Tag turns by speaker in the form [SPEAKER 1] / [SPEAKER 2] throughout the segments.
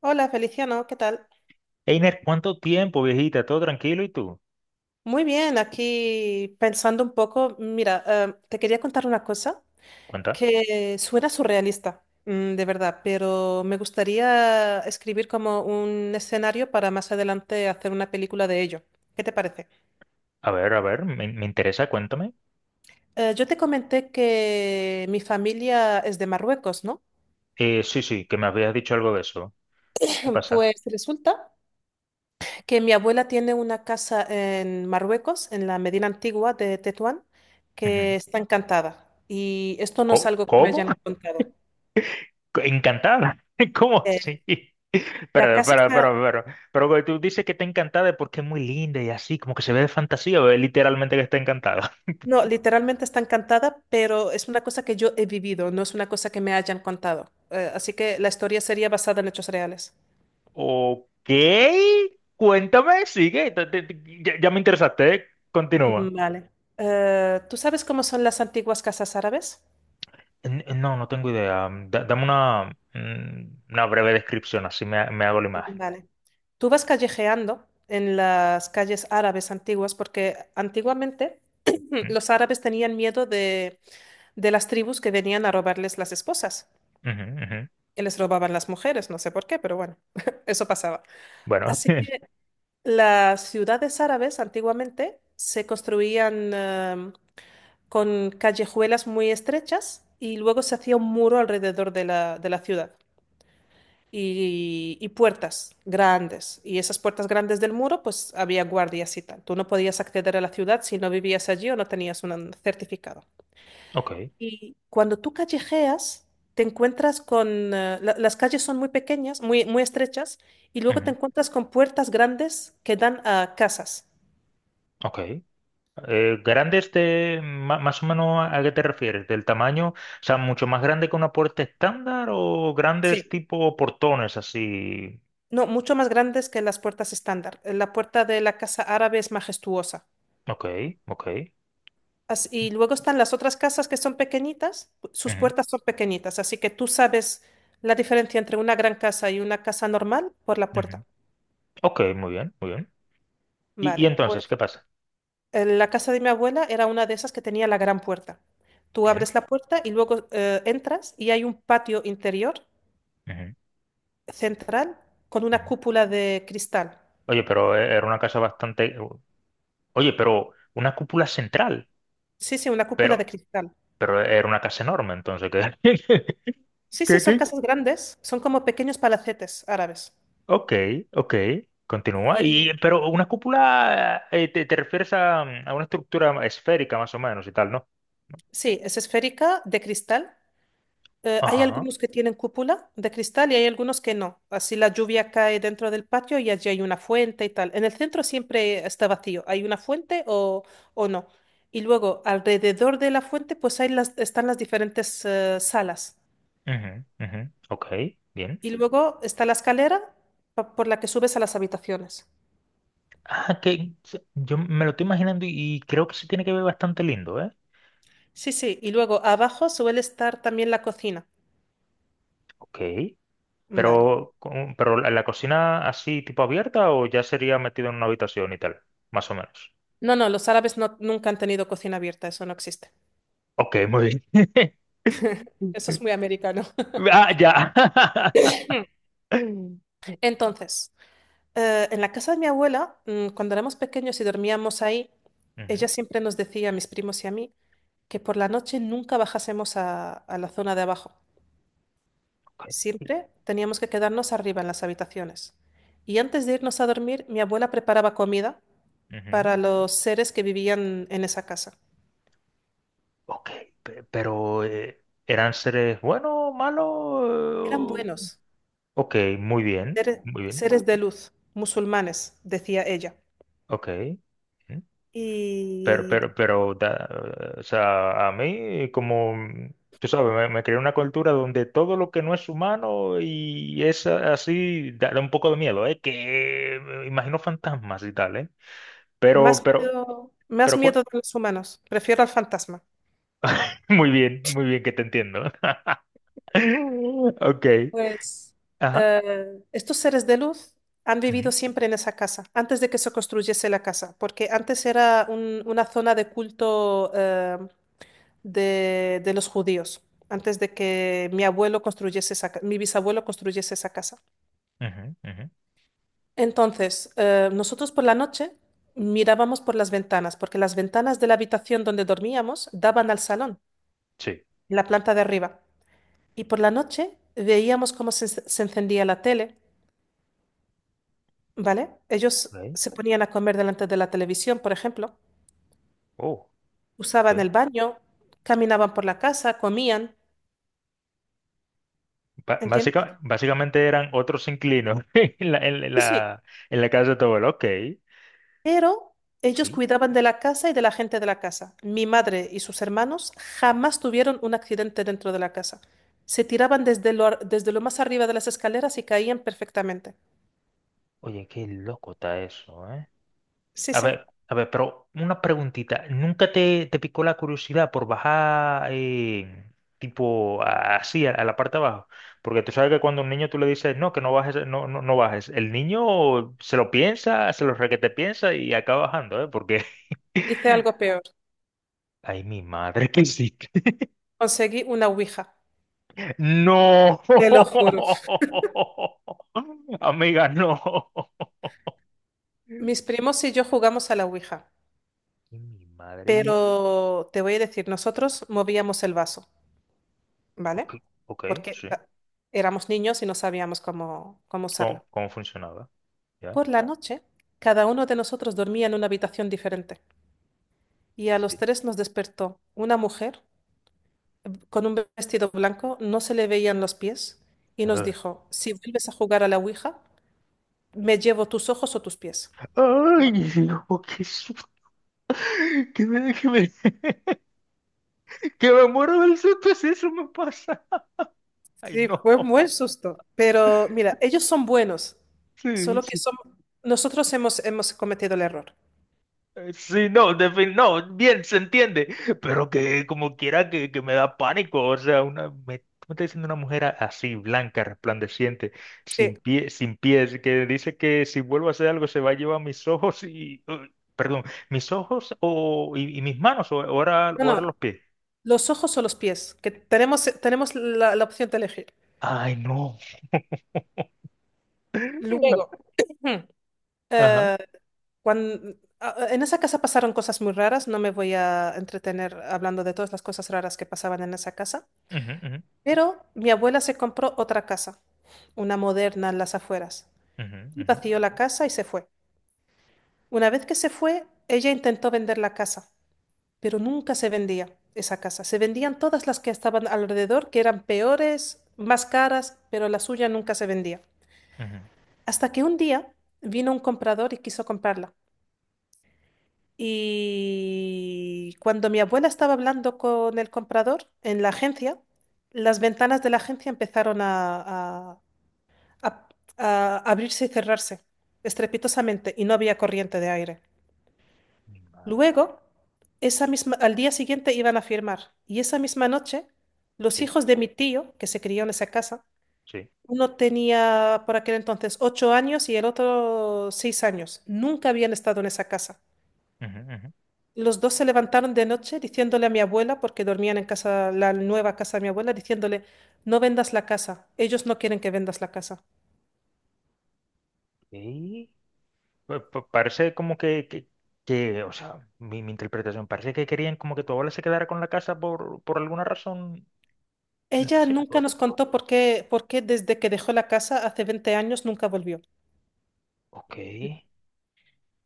[SPEAKER 1] Hola Feliciano, ¿qué tal?
[SPEAKER 2] Einer, ¿cuánto tiempo, viejita? ¿Todo tranquilo? ¿Y tú?
[SPEAKER 1] Muy bien, aquí pensando un poco, mira, te quería contar una cosa
[SPEAKER 2] Cuenta.
[SPEAKER 1] que suena surrealista, mm, de verdad, pero me gustaría escribir como un escenario para más adelante hacer una película de ello. ¿Qué te parece?
[SPEAKER 2] A ver, me interesa, cuéntame.
[SPEAKER 1] Yo te comenté que mi familia es de Marruecos, ¿no?
[SPEAKER 2] Sí, sí, que me habías dicho algo de eso. ¿Qué pasa?
[SPEAKER 1] Pues resulta que mi abuela tiene una casa en Marruecos, en la Medina Antigua de Tetuán,
[SPEAKER 2] Ujú.
[SPEAKER 1] que está encantada. Y esto no es
[SPEAKER 2] ¿Cómo?
[SPEAKER 1] algo que me
[SPEAKER 2] ¿Cómo?
[SPEAKER 1] hayan contado.
[SPEAKER 2] ¿Encantada? ¿Cómo
[SPEAKER 1] Eh,
[SPEAKER 2] así?
[SPEAKER 1] la
[SPEAKER 2] Pero,
[SPEAKER 1] casa
[SPEAKER 2] pero,
[SPEAKER 1] está,
[SPEAKER 2] pero, pero, pero güey, tú dices que está encantada porque es muy linda y así, como que se ve de fantasía, o es literalmente que está encantada.
[SPEAKER 1] no, literalmente está encantada, pero es una cosa que yo he vivido, no es una cosa que me hayan contado. Así que la historia sería basada en hechos reales.
[SPEAKER 2] Ok, cuéntame, sigue, ya me interesaste, ¿eh? Continúa.
[SPEAKER 1] Vale. ¿Tú sabes cómo son las antiguas casas árabes?
[SPEAKER 2] No, no tengo idea. Dame una, una breve descripción, así me hago la imagen.
[SPEAKER 1] Vale. Tú vas callejeando en las calles árabes antiguas porque antiguamente
[SPEAKER 2] Mm,
[SPEAKER 1] los árabes tenían miedo de las tribus que venían a robarles las esposas.
[SPEAKER 2] ujú, ujú.
[SPEAKER 1] Y les robaban las mujeres, no sé por qué, pero bueno, eso pasaba.
[SPEAKER 2] Bueno,
[SPEAKER 1] Así que las ciudades árabes antiguamente se construían con callejuelas muy estrechas y luego se hacía un muro alrededor de de la ciudad. Y, y puertas grandes. Y esas puertas grandes del muro, pues había guardias y tal. Tú no podías acceder a la ciudad si no vivías allí o no tenías un certificado.
[SPEAKER 2] ok,
[SPEAKER 1] Y cuando tú callejeas, te encuentras con... las calles son muy pequeñas, muy, muy estrechas, y luego te
[SPEAKER 2] ujú,
[SPEAKER 1] encuentras con puertas grandes que dan a casas.
[SPEAKER 2] ok. ¿Grandes de más o menos a qué te refieres? ¿Del tamaño? O sea, ¿mucho más grande que una puerta estándar o grandes
[SPEAKER 1] Sí.
[SPEAKER 2] tipo portones así?
[SPEAKER 1] No, mucho más grandes que las puertas estándar. La puerta de la casa árabe es majestuosa.
[SPEAKER 2] Ok, ok.
[SPEAKER 1] Y luego están las otras casas que son pequeñitas, sus
[SPEAKER 2] Ujú,
[SPEAKER 1] puertas son pequeñitas, así que tú sabes la diferencia entre una gran casa y una casa normal por la puerta.
[SPEAKER 2] ujú. Ok, muy bien, muy bien. ¿Y
[SPEAKER 1] Vale,
[SPEAKER 2] entonces qué
[SPEAKER 1] pues
[SPEAKER 2] pasa?
[SPEAKER 1] la casa de mi abuela era una de esas que tenía la gran puerta. Tú
[SPEAKER 2] Bien.
[SPEAKER 1] abres la puerta y luego entras y hay un patio interior
[SPEAKER 2] Ujú,
[SPEAKER 1] central con una
[SPEAKER 2] ujú.
[SPEAKER 1] cúpula de cristal.
[SPEAKER 2] Oye, pero era una casa bastante. Oye, pero una cúpula central.
[SPEAKER 1] Sí, sí, una cúpula
[SPEAKER 2] Pero,
[SPEAKER 1] de cristal.
[SPEAKER 2] pero era una casa enorme, entonces, ¿qué?
[SPEAKER 1] Sí, sí,
[SPEAKER 2] ¿Qué,
[SPEAKER 1] son
[SPEAKER 2] qué?
[SPEAKER 1] casas grandes, son como pequeños palacetes árabes.
[SPEAKER 2] Ok, ok, continúa. Y,
[SPEAKER 1] Y
[SPEAKER 2] pero una cúpula, te refieres a una estructura esférica más o menos y tal, ¿no?
[SPEAKER 1] sí, es esférica de cristal. Hay
[SPEAKER 2] Ajá,
[SPEAKER 1] algunos que tienen cúpula de cristal y hay algunos que no. Así la lluvia cae dentro del patio y allí hay una fuente y tal. En el centro siempre está vacío. ¿Hay una fuente o no? Y luego alrededor de la fuente pues hay las, están las diferentes salas.
[SPEAKER 2] ujú, ujú, ok, bien.
[SPEAKER 1] Y luego está la escalera por la que subes a las habitaciones.
[SPEAKER 2] Ah, yo me lo estoy imaginando y creo que se tiene que ver bastante lindo, ¿eh?
[SPEAKER 1] Sí, sí. Y luego abajo suele estar también la cocina.
[SPEAKER 2] Ok,
[SPEAKER 1] Vale.
[SPEAKER 2] pero la cocina así, ¿tipo abierta o ya sería metido en una habitación y tal, más o menos?
[SPEAKER 1] No, no, los árabes no, nunca han tenido cocina abierta. Eso no existe.
[SPEAKER 2] Ok, muy bien.
[SPEAKER 1] Eso es muy americano.
[SPEAKER 2] Ah, ya. Ujú,
[SPEAKER 1] Entonces. En la casa de mi abuela, mm, cuando éramos pequeños y dormíamos ahí, ella
[SPEAKER 2] ok,
[SPEAKER 1] siempre nos decía, a mis primos y a mí, que por la noche nunca bajásemos a la zona de abajo. Siempre teníamos que quedarnos arriba en las habitaciones. Y antes de irnos a dormir, mi abuela preparaba comida
[SPEAKER 2] ujú.
[SPEAKER 1] para los seres que vivían en esa casa.
[SPEAKER 2] Ok, pero ¿eran seres buenos,
[SPEAKER 1] Eran
[SPEAKER 2] malos?
[SPEAKER 1] buenos,
[SPEAKER 2] Ok,
[SPEAKER 1] seres,
[SPEAKER 2] muy bien,
[SPEAKER 1] seres de luz, musulmanes, decía ella.
[SPEAKER 2] ok. Ujú. Pero,
[SPEAKER 1] Y
[SPEAKER 2] pero, pero, da- o sea, a mí, como, tú sabes, me creé una cultura donde todo lo que no es humano y es así, da un poco de miedo, ¿eh? Que me imagino fantasmas y tal, ¿eh? Pero, pero,
[SPEAKER 1] más
[SPEAKER 2] pero,
[SPEAKER 1] miedo
[SPEAKER 2] cu-
[SPEAKER 1] de los humanos, prefiero al fantasma.
[SPEAKER 2] muy bien que te entiendo. Ok,
[SPEAKER 1] Pues
[SPEAKER 2] ajá.
[SPEAKER 1] estos seres de luz han vivido
[SPEAKER 2] Ujú,
[SPEAKER 1] siempre en esa casa, antes de que se construyese la casa, porque antes era una zona de culto de los judíos, antes de que mi abuelo construyese esa, mi bisabuelo construyese esa casa.
[SPEAKER 2] ujú, ujú.
[SPEAKER 1] Entonces, nosotros por la noche mirábamos por las ventanas, porque las ventanas de la habitación donde dormíamos daban al salón,
[SPEAKER 2] Sí.
[SPEAKER 1] en la planta de arriba, y por la noche veíamos cómo se encendía la tele, ¿vale? Ellos
[SPEAKER 2] Ok.
[SPEAKER 1] se ponían a comer delante de la televisión, por ejemplo,
[SPEAKER 2] Oh, ok.
[SPEAKER 1] usaban el baño, caminaban por la casa, comían, ¿entiendes?
[SPEAKER 2] Básicamente eran otros inquilinos en la, en
[SPEAKER 1] Sí, sí,
[SPEAKER 2] la, en la casa de tu abuelo. Ok.
[SPEAKER 1] pero ellos
[SPEAKER 2] Sí.
[SPEAKER 1] cuidaban de la casa y de la gente de la casa. Mi madre y sus hermanos jamás tuvieron un accidente dentro de la casa. Se tiraban desde lo, desde lo más arriba de las escaleras y caían perfectamente.
[SPEAKER 2] Oye, qué loco está eso, ¿eh?
[SPEAKER 1] Sí, sí,
[SPEAKER 2] A ver, pero una preguntita. ¿Nunca te picó la curiosidad por bajar, tipo así a la parte de abajo? Porque tú sabes que cuando a un niño tú le dices: no, que no bajes, no, no, no bajes, el niño se lo piensa, se lo requete piensa y acaba bajando, ¿eh? Porque.
[SPEAKER 1] hice algo peor.
[SPEAKER 2] Ay, mi madre, que sí.
[SPEAKER 1] Conseguí una ouija.
[SPEAKER 2] No.
[SPEAKER 1] Te lo juro.
[SPEAKER 2] Amiga, no.
[SPEAKER 1] Mis primos y yo jugamos a la ouija.
[SPEAKER 2] Ay, mi madre.
[SPEAKER 1] Pero te voy a decir, nosotros movíamos el vaso, ¿vale?
[SPEAKER 2] Ok, ok,
[SPEAKER 1] Porque
[SPEAKER 2] sí.
[SPEAKER 1] ah, éramos niños y no sabíamos cómo, cómo usarla.
[SPEAKER 2] ¿Cómo funcionaba? ¿Ya?
[SPEAKER 1] Por la noche, cada uno de nosotros dormía en una habitación diferente y a
[SPEAKER 2] Sí.
[SPEAKER 1] los tres nos despertó una mujer con un vestido blanco, no se le veían los pies y nos
[SPEAKER 2] Ah.
[SPEAKER 1] dijo, si vuelves a jugar a la Ouija, me llevo tus ojos o tus pies. Como-
[SPEAKER 2] Ay, hijo, qué susto. Que me, que me, que me muero del susto si eso me pasa. Ay,
[SPEAKER 1] Sí,
[SPEAKER 2] no.
[SPEAKER 1] fue un buen susto. Pero mira, ellos son buenos,
[SPEAKER 2] Sí,
[SPEAKER 1] solo que
[SPEAKER 2] sí.
[SPEAKER 1] son... Nosotros hemos, hemos cometido el error.
[SPEAKER 2] Sí, no, no, bien, se entiende, pero que como quiera que me da pánico. O sea, ¿cómo está diciendo una mujer así, blanca, resplandeciente,
[SPEAKER 1] Sí.
[SPEAKER 2] sin pies, que dice que si vuelvo a hacer algo se va a llevar mis ojos y, perdón, mis ojos o, y mis manos, o ahora
[SPEAKER 1] Bueno,
[SPEAKER 2] los pies?
[SPEAKER 1] los ojos o los pies, que tenemos, tenemos la, la opción de elegir.
[SPEAKER 2] Ay, no.
[SPEAKER 1] Luego,
[SPEAKER 2] Ajá.
[SPEAKER 1] eh, en esa casa pasaron cosas muy raras, no me voy a entretener hablando de todas las cosas raras que pasaban en esa casa,
[SPEAKER 2] Ujú, ujú,
[SPEAKER 1] pero mi abuela se compró otra casa, una moderna en las afueras,
[SPEAKER 2] ujú,
[SPEAKER 1] y
[SPEAKER 2] ujú,
[SPEAKER 1] vació la casa y se fue. Una vez que se fue, ella intentó vender la casa, pero nunca se vendía esa casa. Se vendían todas las que estaban alrededor, que eran peores, más caras, pero la suya nunca se vendía.
[SPEAKER 2] ujú.
[SPEAKER 1] Hasta que un día vino un comprador y quiso comprarla. Y cuando mi abuela estaba hablando con el comprador en la agencia, las ventanas de la agencia empezaron a- a abrirse y cerrarse estrepitosamente y no había corriente de aire.
[SPEAKER 2] Ah,
[SPEAKER 1] Luego, esa misma, al día siguiente iban a firmar y esa misma noche los
[SPEAKER 2] sí,
[SPEAKER 1] hijos de mi tío, que se crió en esa casa,
[SPEAKER 2] sí.
[SPEAKER 1] uno tenía por aquel entonces 8 años y el otro 6 años. Nunca habían estado en esa casa.
[SPEAKER 2] Ujú, ujú.
[SPEAKER 1] Los dos se levantaron de noche diciéndole a mi abuela, porque dormían en casa, la nueva casa de mi abuela, diciéndole, no vendas la casa, ellos no quieren que vendas la casa.
[SPEAKER 2] Ok. Parece como que, o sea, mi interpretación, parece que querían como que tu abuela se quedara con la casa por, alguna razón en
[SPEAKER 1] Ella nunca
[SPEAKER 2] específico.
[SPEAKER 1] nos contó por qué desde que dejó la casa hace 20 años nunca volvió.
[SPEAKER 2] Ok,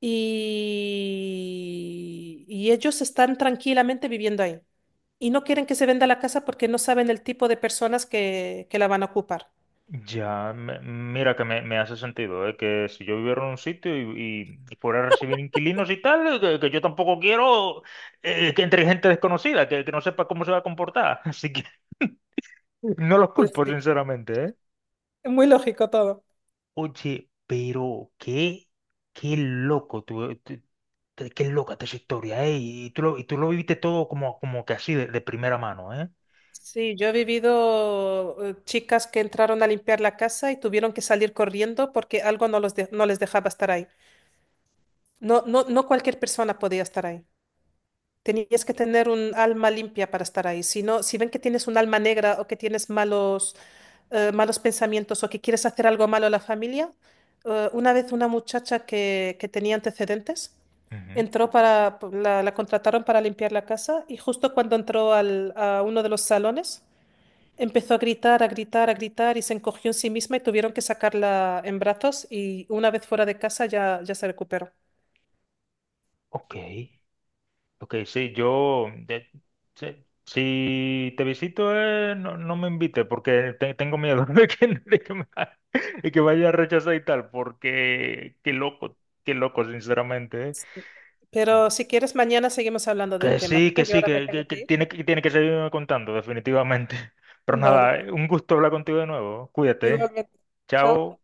[SPEAKER 1] Y, y ellos están tranquilamente viviendo ahí. Y no quieren que se venda la casa porque no saben el tipo de personas que la van a ocupar.
[SPEAKER 2] ya, mira que me hace sentido, ¿eh? Que si yo viviera en un sitio y fuera a recibir inquilinos y tal, que yo tampoco quiero, que entre gente desconocida, que no sepa cómo se va a comportar. Así que no los
[SPEAKER 1] Pues
[SPEAKER 2] culpo,
[SPEAKER 1] sí,
[SPEAKER 2] sinceramente, ¿eh?
[SPEAKER 1] es muy lógico todo.
[SPEAKER 2] Oye, pero qué loco tú. Qué loca esta historia, ¿eh? Y tú lo viviste todo como que así de primera mano, ¿eh?
[SPEAKER 1] Sí, yo he vivido chicas que entraron a limpiar la casa y tuvieron que salir corriendo porque algo no, no les dejaba estar ahí. No, no, no cualquier persona podía estar ahí. Tenías que tener un alma limpia para estar ahí. Si no, si ven que tienes un alma negra o que tienes malos malos pensamientos o que quieres hacer algo malo a la familia. Una vez una muchacha que tenía antecedentes
[SPEAKER 2] Ujú.
[SPEAKER 1] entró para, la contrataron para limpiar la casa y justo cuando entró a uno de los salones empezó a gritar, a gritar, a gritar y se encogió en sí misma y tuvieron que sacarla en brazos y una vez fuera de casa ya, ya se recuperó.
[SPEAKER 2] Ok, ok, sí, sí, si te visito, no, no me invite porque tengo miedo de que vaya a rechazar y tal, porque qué loco, sinceramente, ¿eh?
[SPEAKER 1] Sí. Pero si quieres, mañana seguimos hablando del
[SPEAKER 2] Que
[SPEAKER 1] tema,
[SPEAKER 2] sí, que
[SPEAKER 1] ¿vale? Yo
[SPEAKER 2] sí,
[SPEAKER 1] ahora me tengo
[SPEAKER 2] que
[SPEAKER 1] que ir.
[SPEAKER 2] tiene, que tiene que seguirme contando, definitivamente. Pero
[SPEAKER 1] Vale,
[SPEAKER 2] nada, un gusto hablar contigo de nuevo, cuídate, ¿eh?
[SPEAKER 1] igualmente. Chao.
[SPEAKER 2] Chao.